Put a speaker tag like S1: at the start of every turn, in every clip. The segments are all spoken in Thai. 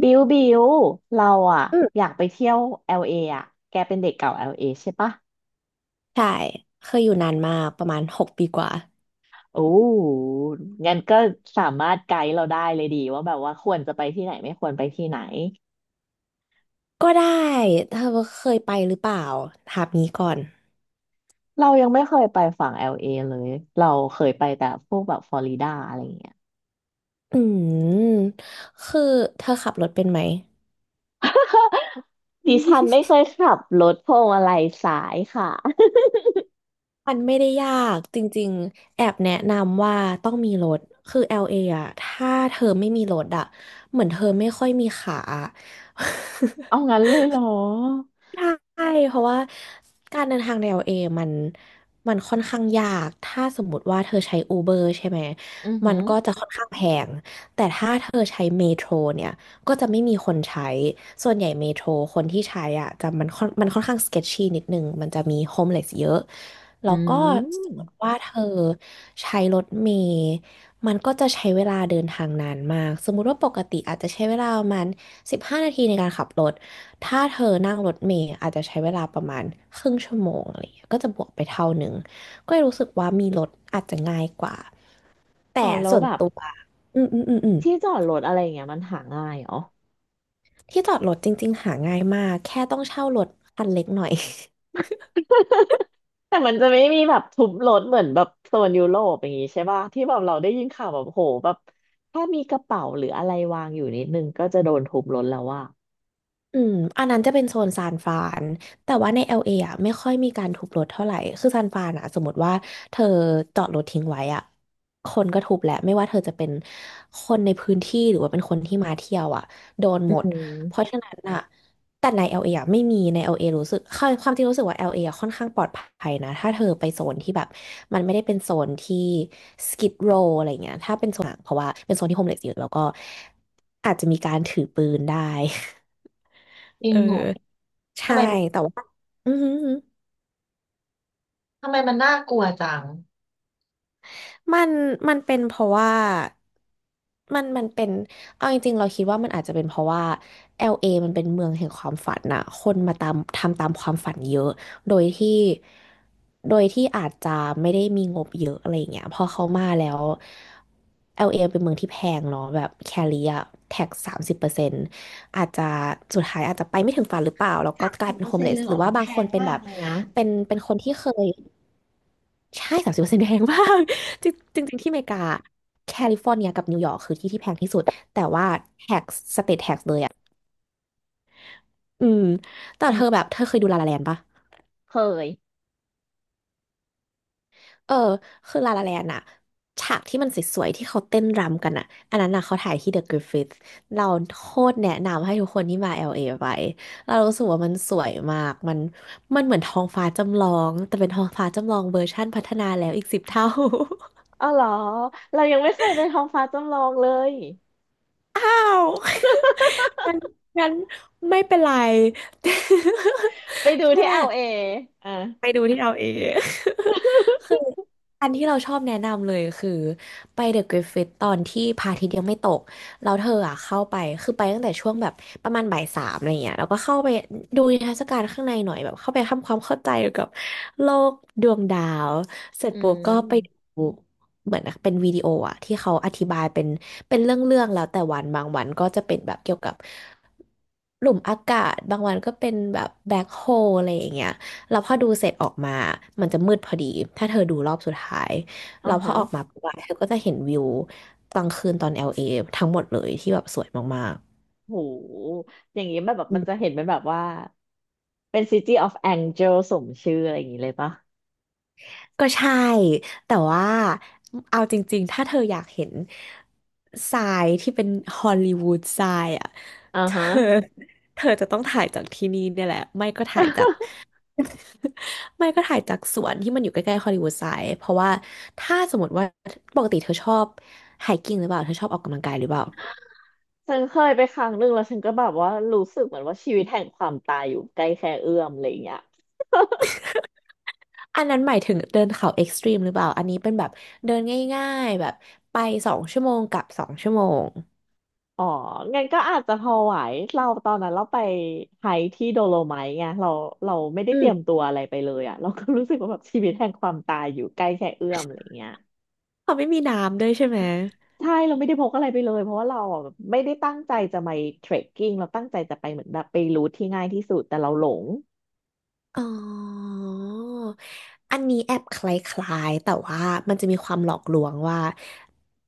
S1: บิวบิวเราอะ
S2: อื
S1: อ
S2: ม
S1: ยากไปเที่ยว LA อลเออะแกเป็นเด็กเก่าแอลเ a ใช่ปะ
S2: ใช่เคยอยู่นานมากประมาณ6 ปีกว่า
S1: โอ้งั้นก็สามารถไกด์เราได้เลยดีว่าแบบว่าควรจะไปที่ไหนไม่ควรไปที่ไหน
S2: ก็ได้เธอเคยไปหรือเปล่าถามนี้ก่อน
S1: เรายังไม่เคยไปฝั่ง LA เอเลยเราเคยไปแต่พวกแบบฟลอริดาอะไรอย่างเงี้ย
S2: อืมคือเธอขับรถเป็นไหม
S1: ดิฉันไม่ เคยขับรถพวงมาลัยสายค่ะ
S2: มันไม่ได้ยากจริงๆแอบแนะนำว่าต้องมีรถคือ LA อ่ะถ้าเธอไม่มีรถอะเหมือนเธอไม่ค่อยมีขาอะ
S1: เอา งั้นเลยเหรอ
S2: ใช่เพราะว่าการเดินทางในว a มันมันค่อนข้างยาก ถ้าสมมติว่าเธอใช้ Uber ใช่ไหม
S1: อือ
S2: มั
S1: หื
S2: น
S1: อ
S2: ก็จะค่อนข้างแพง แต่ถ้าเธอใช้เมโทรเนี่ย ก็จะไม่มีคนใช้ ส่วนใหญ่เมโทรคนที่ใช้อ่ะจะมันค่อนข้าง sketchy นิดนึงมันจะมี homeless เยอะ แล้
S1: อื
S2: วก็
S1: ม
S2: สมมติว่าเธอใช้รถเมล์มันก็จะใช้เวลาเดินทางนานมากสมมุติว่าปกติอาจจะใช้เวลาประมาณ15 นาทีในการขับรถ ถ้าเธอนั่งรถเมล์อาจจะใช้เวลาประมาณครึ่งชั่วโมงอะไรอย่างเงี้ยก็จะบวกไปเท่าหนึ่งก็เลยรู้สึกว่ามีรถอาจจะง่ายกว่า
S1: เอา
S2: แต่
S1: แล้ว
S2: ส่วน
S1: แบบ
S2: ตัวอืมอืมอืมอืม
S1: ที่จอดรถอะไรอย่างเงี้ยมันหาง่ายเหรอ
S2: ที่จอดรถจริงๆหาง่ายมากแค่ต้องเช่ารถคันเล็กหน่อย
S1: แต่มันจะไม่มีแบบทุบรถเหมือนแบบโซนยุโรปอย่างงี้ใช่ป่ะที่แบบเราได้ยินข่าวแบบโหแบบถ้ามีกระเป๋าหรืออะไรวางอยู่นิดนึงก็จะโดนทุบรถแล้วว่า
S2: อืมอันนั้นจะเป็นโซนซานฟรานแต่ว่าใน LA อลเออ่ะไม่ค่อยมีการทุบรถเท่าไหร่คือซานฟรานอ่ะสมมติว่าเธอจอดรถทิ้งไว้อ่ะคนก็ทุบแหละไม่ว่าเธอจะเป็นคนในพื้นที่หรือว่าเป็นคนที่มาเที่ยวอ่ะโดน
S1: อื
S2: หมดเพราะ
S1: ม
S2: ฉะนั้นอ่ะแต่ใน LA อลเออ่ะไม่มีใน LA รู้สึกความจริงรู้สึกว่า LA อลเออ่ะค่อนข้างปลอดภัยนะถ้าเธอไปโซนที่แบบมันไม่ได้เป็นโซนที่ Skid Row อะไรเงี้ยถ้าเป็นโซนหนังเพราะว่าเป็นโซนที่โฮมเลสเยอะแล้วก็อาจจะมีการถือปืนได้
S1: จริ
S2: เอ
S1: งเหรอ
S2: อ
S1: ทำ
S2: ใช่
S1: ไม
S2: แต่ว่าอือหือหือ
S1: ทำไมมันน่ากลัวจัง
S2: มันมันเป็นเพราะว่ามันเป็นเอาจริงๆเราคิดว่ามันอาจจะเป็นเพราะว่าแอลเอมันเป็นเมืองแห่งความฝันน่ะคนมาตามทำตามความฝันเยอะโดยที่โดยที่อาจจะไม่ได้มีงบเยอะอะไรอย่างเงี้ยพอเขามาแล้ว LA เอเป็นเมืองที่แพงเนาะแบบแคลิอะแท็กสามสิบเปอร์เซ็นต์อาจจะสุดท้ายอาจจะไปไม่ถึงฝันหรือเปล่าแล้วก็
S1: สาม
S2: กลา
S1: สิ
S2: ย
S1: บ
S2: เป็
S1: เป
S2: น
S1: อ
S2: โฮ
S1: ร์
S2: ม
S1: เซ็น
S2: เล
S1: ต์เล
S2: ส
S1: ยเห
S2: ห
S1: ร
S2: รื
S1: อ
S2: อว่า
S1: มันแพ
S2: บางคน
S1: ง
S2: เป็น
S1: มา
S2: แบ
S1: ก
S2: บ
S1: เลยนะ
S2: เป็นคนที่เคย ใช่30%แพงมาก จริงจริงๆที่อเมริกาแคลิฟอร์เนียกับนิวยอร์กคือที่ที่แพงที่สุด แต่ว่าแท็กสเตทแทกเลยอ่ะอืมแต่
S1: อื
S2: เธอ
S1: ม
S2: แบบเธอเคยดูลาลาแลนด์ปะ
S1: เคย
S2: เออ คือลาลาแลนด์อะฉากที่มันสวยๆที่เขาเต้นรำกันอะอันนั้นอะเขาถ่ายที่เดอะกริฟฟิธเราโคตรแนะนำให้ทุกคนที่มา LA ไปเรารู้สึกว่ามันสวยมาก มันเหมือนท้องฟ้าจำลองแต่เป็นท้องฟ้าจำลองเวอร์ชั่นพัฒนาแล้วอีก10 เท่า
S1: อ๋อเหรอเรายังไม่เคยไปท้องฟ้าจำลองเลย
S2: งั้นงั้นไม่เป็นไร
S1: ไป ดู
S2: แค่
S1: ที่เอลเออ่ะ
S2: ไปดูที่เราเอง คืออันที่เราชอบแนะนำเลยคือไปเดอะกริฟฟิตตอนที่พระอาทิตย์ยังไม่ตกแล้วเธออ่ะเข้าไปคือไปตั้งแต่ช่วงแบบประมาณบ่ายสามอะไรเงี้ยแล้วก็เข้าไปดูนิทรรศการข้างในหน่อยแบบเข้าไปทำความเข้าใจเกี่ยวกับโลกดวงดาวเสร็จ
S1: อื
S2: ปุ๊บก็ไปดู
S1: ม
S2: เหมือนเป็นวิดีโออ่ะที่เขาอธิบายเป็นเรื่องๆแล้วแต่วันบางวันก็จะเป็นแบบเกี่ยวกับหลุมอากาศบางวันก็เป็นแบบแบ็คโฮอะไรอย่างเงี้ย แล้วพอดูเสร็จออกมามันจะมืดพอดี ถ้าเธอดูรอบสุดท้ายแล้
S1: อ่า
S2: วพอ
S1: ฮะ
S2: ออกมาปุ๊บอะเธอก็จะเห็นวิวกลางคืนตอน LA ทั้งหมดเลยที่แบบสวยมาก
S1: โหอย่างนี้แบบแบบ
S2: ๆ
S1: มันจะเห็นเป็นแบบว่า เป็น City of Angel สมชื่ออะไรอย่างนี้เลยปะ
S2: ก็ใช่ แต่ว่าเอาจริงๆ ถ้าเธออยากเห็นทรายที่เป็นฮอลลีวูดทรายอ่ะ
S1: อ่า
S2: เธอ
S1: ฮะ
S2: เธอจะต้องถ่ายจากที่นี่เนี่ยแหละไม่ก็ถ่ายจาก ไม่ก็ถ่ายจากสวนที่มันอยู่ใกล้ๆฮอลลีวูดไซด์เพราะว่าถ้าสมมติว่าปกติเธอชอบไฮกิ้งหรือเปล่าเธอชอบออกกำลังกายหรือเปล่า
S1: ฉันเคยไปครั้งหนึ่งแล้วฉันก็แบบว่ารู้สึกเหมือนว่าชีวิตแห่งความตายอยู่ใกล้แค่เอื้อมอะไรอย่างเงี้ย
S2: อันนั้นหมายถึงเดินเขาเอ็กซ์ตรีมหรือเปล่าอันนี้เป็นแบบเดินง่ายๆแบบไปสองชั่วโมงกลับสองชั่วโมง
S1: อ๋องั้นก็อาจจะพอไหวเราตอนนั้นเราไปไฮค์ที่โดโลไมท์ไงเราเราไม่ได้
S2: อื
S1: เตรี
S2: ม
S1: ยมตัวอะไรไปเลยอ่ะเราก็รู้สึกว่าแบบชีวิตแห่งความตายอยู่ใกล้แค่เอื้อมอะไรอย่างเงี้ย
S2: เขาไม่มีน้ำด้วยใช่ไหม
S1: ใช่เราไม่ได้พกอะไรไปเลยเพราะว่าเราอ่ะแบบไม่ได้ตั้งใจจะไปเทรคกิ้งเราตั้งใจจะไปเหมือนแบบไปรูทที่ง่ายที่สุดแต่เราหลง
S2: อ๋ออันนี้แอบคล้ายๆแต่ว่ามันจะมีความหลอกลวงว่า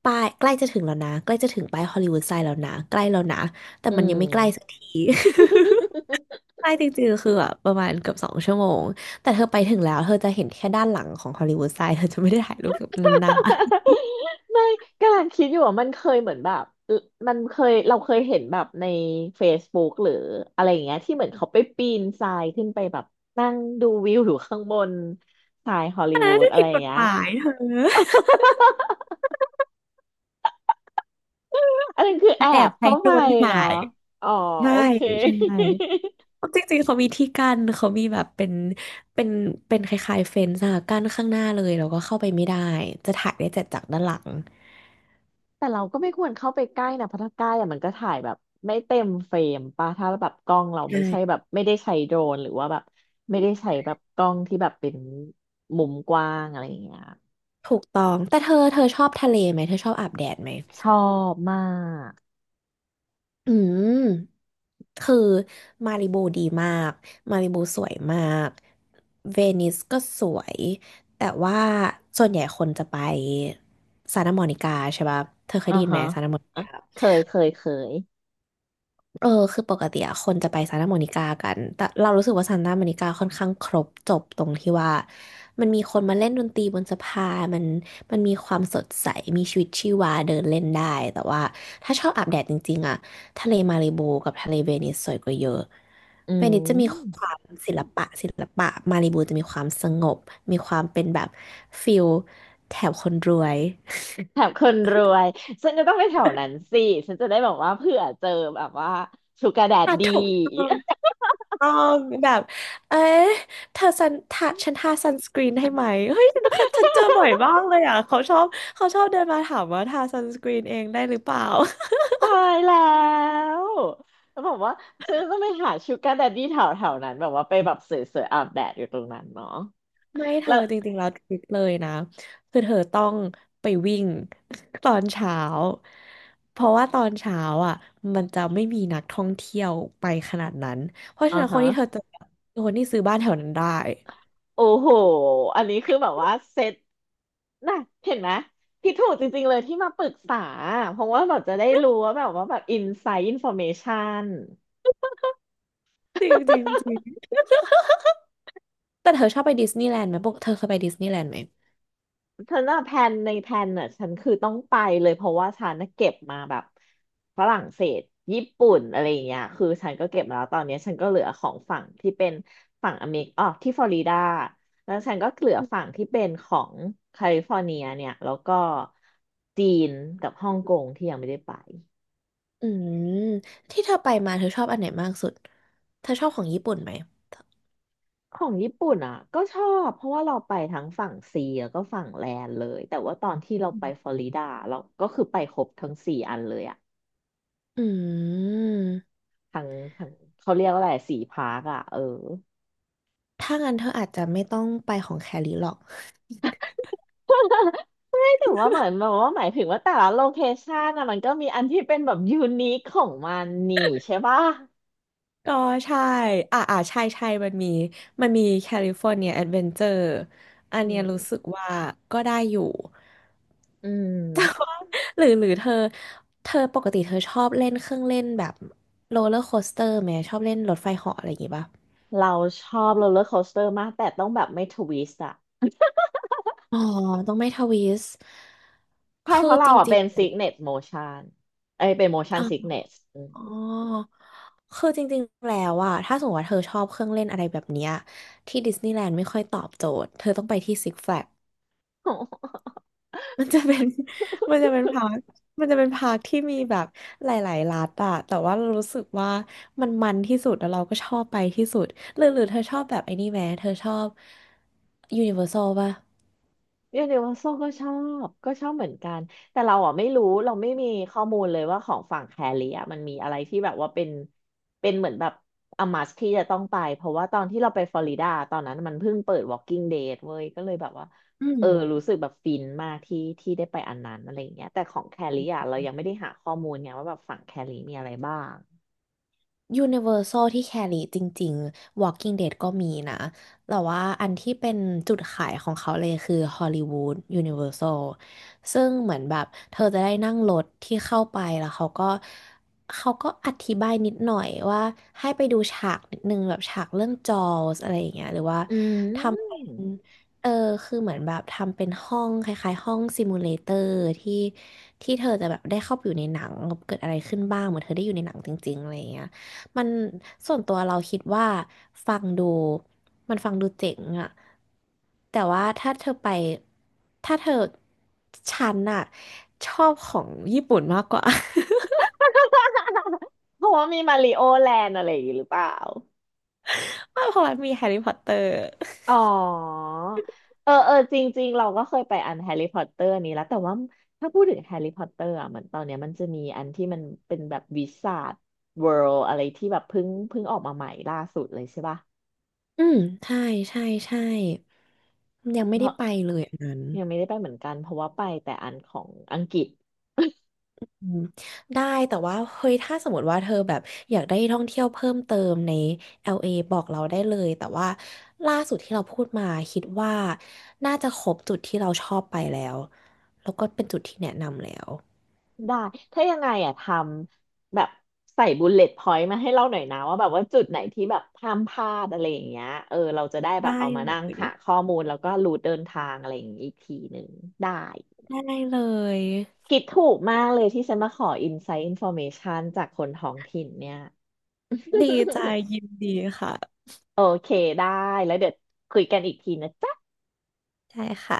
S2: ป้ายใกล้จะถึงแล้วนะใกล้จะถึงป้ายฮอลลีวูดไซด์แล้วนะใกล้แล้วนะแต่
S1: อื
S2: มันยั
S1: ม
S2: งไม่ใกล้สักที ใช่จริงๆคือแบบประมาณเกือบสองชั่วโมงแต่เธอไปถึงแล้วเธอจะเห็นแค่ด้านหลังของฮอลลีวูดไซด์เธอจะไม่ได้ถ่ายรูปแบบนั้นนะ
S1: ไม่กำลังคิดอยู่ว่ามันเคยเหมือนแบบมันเคยเราเคยเห็นแบบใน Facebook หรืออะไรอย่างเงี้ยที่เหมือนเขาไปปีนทรายขึ้นไปแบบนั่งดูวิวอยู่ข้างบนทรายฮอลลีวูดอะไร
S2: ผิด
S1: อย่า
S2: ก
S1: ง
S2: ฎ
S1: เงี้ย
S2: หมายเธอ
S1: อันนั้นคือ
S2: แต่
S1: แอ
S2: แอ
S1: บ
S2: บใช้
S1: เข้า
S2: โด
S1: ไป
S2: รนถ่า
S1: เนาะ
S2: ย
S1: อ๋อ
S2: ใช่
S1: โอเค
S2: ใช่เพราะจริงๆเขามีที่กั้นเขามีแบบเป็นเป็นคล้ายๆเฟนส์อะกั้นข้างหน้าเลยแล้วก็เข้าไปไม่ได้จะถ่ายได้แต่จากด้านหลัง
S1: แต่เราก็ไม่ควรเข้าไปใกล้นะเพราะถ้าใกล้อะมันก็ถ่ายแบบไม่เต็มเฟรมป่ะถ้าแบบกล้องเราไม่ใช่
S2: ใช่
S1: แบบไม่ได้ใช้โดรนหรือว่าแบบไม่ได้ใช้แบบกล้องที่แบบเป็นมุมกว้างอะไรอย่างเงี้ย
S2: ถูกต้องแต่เธอชอบทะเลไหมเธอชอบอาบแดดไหม
S1: ชอบมาก
S2: อืม คือมาริบูดีมาก มาริบูสวยมาก เวนิสก็สวย แต่ว่าส่วนใหญ่คนจะไปซานตาโมนิกาใช่ปะเธอเคย
S1: อ่า
S2: ได้ยินไห
S1: ฮะ
S2: มซานตาโมนิ
S1: อ่ะ
S2: กา
S1: เคย เคยเคย
S2: เออคือปกติอะคนจะไปซานตาโมนิกากันแต่เรารู้สึกว่าซานตาโมนิกาค่อนข้างครบจบตรงที่ว่ามันมีคนมาเล่นดนตรีบนสะพานมันมีความสดใสมีชีวิตชีวาเดินเล่นได้แต่ว่าถ้าชอบอาบแดดจริงๆอะทะเลมารลโบกับทะเลเวนิสสวยกว่าเยอะ
S1: อื
S2: เวนิสจะมีค
S1: ม
S2: วามศิลปะศิลปะมารลบบจะมีความสงบมีความเป็นแบบฟิลแถบคนรวย
S1: แถมคนรวยฉันจะต้องไปแถวนั้นสิฉันจะได้แบบว่าเผื่อเจอแบบว่าชูการ์แด ด
S2: อ่ะ
S1: ดี
S2: ถูกต้อง ต้องแบบเอ๊ะเธอซันทาฉันทาซันสกรีนให้ไหม เฮ้ยฉันเคยฉัน เจอบ่อยมากเลยอ่ะเขาชอบเขาชอบเดินมาถามว่าทาซันสกรีนเองได้หรือเปล่า
S1: ตายแล้วแล้วบอกว่าฉันจะต้องไปหาชูการ์แดดดี้แถวแถวนั้นแบบว่าไปแบบสวยๆอาบแดดอยู่ตรงนั้นเนาะ
S2: ไม่เธ
S1: แล้
S2: อ
S1: ว
S2: จริงๆแล้วทริคเลยนะคือเธอต้องไปวิ่ง ตอนเช้าเพราะว่าตอนเช้าอ่ะมันจะไม่มีนักท่องเที่ยวไปขนาดนั้นเพราะฉะ
S1: อ่า
S2: นั้นค
S1: ฮะ
S2: นที่เธอเจอคือคนที่ซื้อบ้านแถวนั้นได้
S1: โอ้โหอันนี้คือแบบว่าเซต น่ะเห็นไหมพี่ถูกจริงๆเลยที่มาปรึกษาเพราะว่าแบบจะได้รู้ว่าแบบว่าแบบอินไซต์อินฟอร์เมชัน
S2: จริงจริงจริงแต่เธอชอบไปดิสนีย์แลนด์ไหมปกเธอเคยไปดิสนีย์แลนด์ไหม
S1: เธอน่ะแพลนในแพลนน่ะฉันคือต้องไปเลยเพราะว่าฉันน่ะเก็บมาแบบฝรั่งเศสญี่ปุ่นอะไรอย่างเงี้ยคือฉันก็เก็บมาแล้วตอนเนี้ยฉันก็เหลือของฝั่งที่เป็นฝั่งอเมริกอ๋อที่ฟลอริดาแล้วฉันก็เหลือฝั่งที่เป็นของแคลิฟอร์เนียเนี่ยแล้วก็จีนกับฮ่องกงที่ยังไม่ได้ไป
S2: อืมที่เธอไปมาเธอชอบอันไหนมากสุดเธอชอบของญี่ปุ่นไหม
S1: ของญี่ปุ่นอ่ะก็ชอบเพราะว่าเราไปทั้งฝั่งซีแล้วก็ฝั่งแลนเลยแต่ว่าตอนที่เรา
S2: อื
S1: ไป
S2: ม
S1: ฟลอริดาเราก็คือไปครบทั้งสี่อันเลยอ่ะ
S2: อืม
S1: ทั้งทั้งเขาเรียกว่าอะไรสี่พาร์คอ่ะเออ
S2: ถ้างั้นเธออาจจะไม่ต้องไปของแคลิหรอก
S1: ไม่ถึงว่าเหมือนแบบว่าหมายถึงว่าแต่ละโลเคชันอะมันก็มีอันที่เป็นแบบยูนิคของมันนี่ใช่ปะ
S2: ก็ใช่อ่าอ่าใช่ใช่มันมีมันมีแคลิฟอร์เนียแอดเวนเจอร์อัน
S1: อื
S2: เนี้ยรู้สึก
S1: ม
S2: ว่าก็ได้อยู่
S1: อื
S2: แต่
S1: ม
S2: ว่าหรือเธอเธอปกติเธอชอบเล่นเครื่องเล่นแบบโรลเลอร์โคสเตอร์ไหมชอบเล่นรถไฟเหาะอะไรอย่างงี้ป่ะ
S1: เราชอบโรลเลอร์โคสเตอร์มากแต่ต้องแบบไม่ทวิสต์อะ
S2: อ๋อต้องไม่ทวิสต์
S1: ใช่เพ
S2: คือ
S1: ราะเรา
S2: จ
S1: อะ
S2: ริ
S1: เป็
S2: ง
S1: นซิกเนสโมชันเอ้ยเป็นโม
S2: ๆ
S1: ชั
S2: อ๋
S1: น
S2: อ
S1: ซิกเนส
S2: อ๋อ คือจริงๆแล้วอะถ้าสมมติว่าเธอชอบเครื่องเล่นอะไรแบบเนี้ยที่ดิสนีย์แลนด์ไม่ค่อยตอบโจทย์ เธอต้องไปที่ซิกแฟลก มันจะเป็น มันจะเป็นพาร์คมันจะเป็นพาร์คที่มีแบบหลายๆรัฐอะแต่ว่าเรารู้สึกว่ามันที่สุดแล้วเราก็ชอบไปที่สุด หรือเธอชอบแบบไอ้นี่ไหมเธอชอบยูนิเวอร์แซลป่ะ
S1: ยูนิเวอร์แซลก็ชอบก็ชอบเหมือนกันแต่เราอ่ะไม่รู้เราไม่มีข้อมูลเลยว่าของฝั่งแคลิอ่ะมันมีอะไรที่แบบว่าเป็นเป็นเหมือนแบบอามัสที่จะต้องไปเพราะว่าตอนที่เราไปฟลอริดาตอนนั้นมันเพิ่งเปิด Walking Dead เว้ยก็เลยแบบว่า
S2: อื
S1: เอ
S2: ม
S1: อรู้สึกแบบฟินมากที่ที่ได้ไปอันนั้นอะไรอย่างเงี้ยแต่ของแคลิอ่ะเรายังไม่ได้หาข้อมูลไงว่าแบบฝั่งแคลิมีอะไรบ้าง
S2: ยูนิเวอร์ซลที่แคลิจริงๆ Walking Dead ก็มีนะแต่ว่าอันที่เป็นจุดขายของเขาเลยคือฮอลลีวูดยูนิเวอร์ซลซึ่งเหมือนแบบเธอจะได้นั่งรถที่เข้าไปแล้วเขาก็อธิบายนิดหน่อยว่าให้ไปดูฉากนิดนึงแบบฉากเรื่องจอสอะไรอย่างเงี้ยหรือว่า
S1: อื
S2: ทำเป็น
S1: ม
S2: เออคือเหมือนแบบทำเป็นห้องคล้ายๆห้องซิมูเลเตอร์ที่ที่เธอจะแบบได้เข้าไปอยู่ในหนังเกิดอะไรขึ้นบ้างเหมือนเธอได้อยู่ในหนังจริงๆอะไรอย่างเงี้ย มันส่วนตัวเราคิดว่าฟังดูมันฟังดูเจ๋งอะแต่ว่าถ้าเธอไปถ้าเธอฉันอะชอบของญี่ปุ่นมากกว่า
S1: เพราะว่ามีมาริโอแลนด์อะไรอย่างงี้หรือเปล่า
S2: ว่ากเพราะมันมีแฮร์รี่พอตเตอร์
S1: อ๋อเออเออจริงๆเราก็เคยไปอันแฮร์รี่พอตเตอร์นี้แล้วแต่ว่าถ้าพูดถึงแฮร์รี่พอตเตอร์อ่ะเหมือนตอนเนี้ยมันจะมีอันที่มันเป็นแบบวิสาทเวิลด์อะไรที่แบบเพิ่งออกมาใหม่ล่าสุดเลยใช่ป่ะ
S2: อืมใช่ใช่ใช่ยังไม่
S1: เพ
S2: ได้
S1: ราะ
S2: ไปเลยอันนั้น
S1: ยังไม่ได้ไปเหมือนกันเพราะว่าไปแต่อันของอังกฤษ
S2: อืมได้แต่ว่าเฮ้ยถ้าสมมติว่าเธอแบบอยากได้ท่องเที่ยวเพิ่มเติมใน LA บอกเราได้เลยแต่ว่าล่าสุดที่เราพูดมาคิดว่าน่าจะครบจุดที่เราชอบไปแล้วแล้วก็เป็นจุดที่แนะนำแล้ว
S1: ได้ถ้ายังไงอ่ะทำแบบใส่บุลเลต์พอยต์มาให้เราหน่อยนะว่าแบบว่าจุดไหนที่แบบห้ามพลาดอะไรอย่างเงี้ยเออเราจะได้แบ
S2: ได้
S1: บเอามา
S2: เล
S1: นั่ง
S2: ย
S1: หาข้อมูลแล้วก็รูทเดินทางอะไรอย่างงี้อีกทีหนึ่งได้
S2: ได้เลย
S1: คิดถูกมากเลยที่ฉันมาขออินไซต์อินฟ r m a เมชันจากคนท้องถิ่นเนี่ย
S2: ดีใจ ยินดีค่ะ
S1: โอเคได้แล้วเดี๋ยวคุยกันอีกทีนะจ๊ะ
S2: ใช่ค่ะ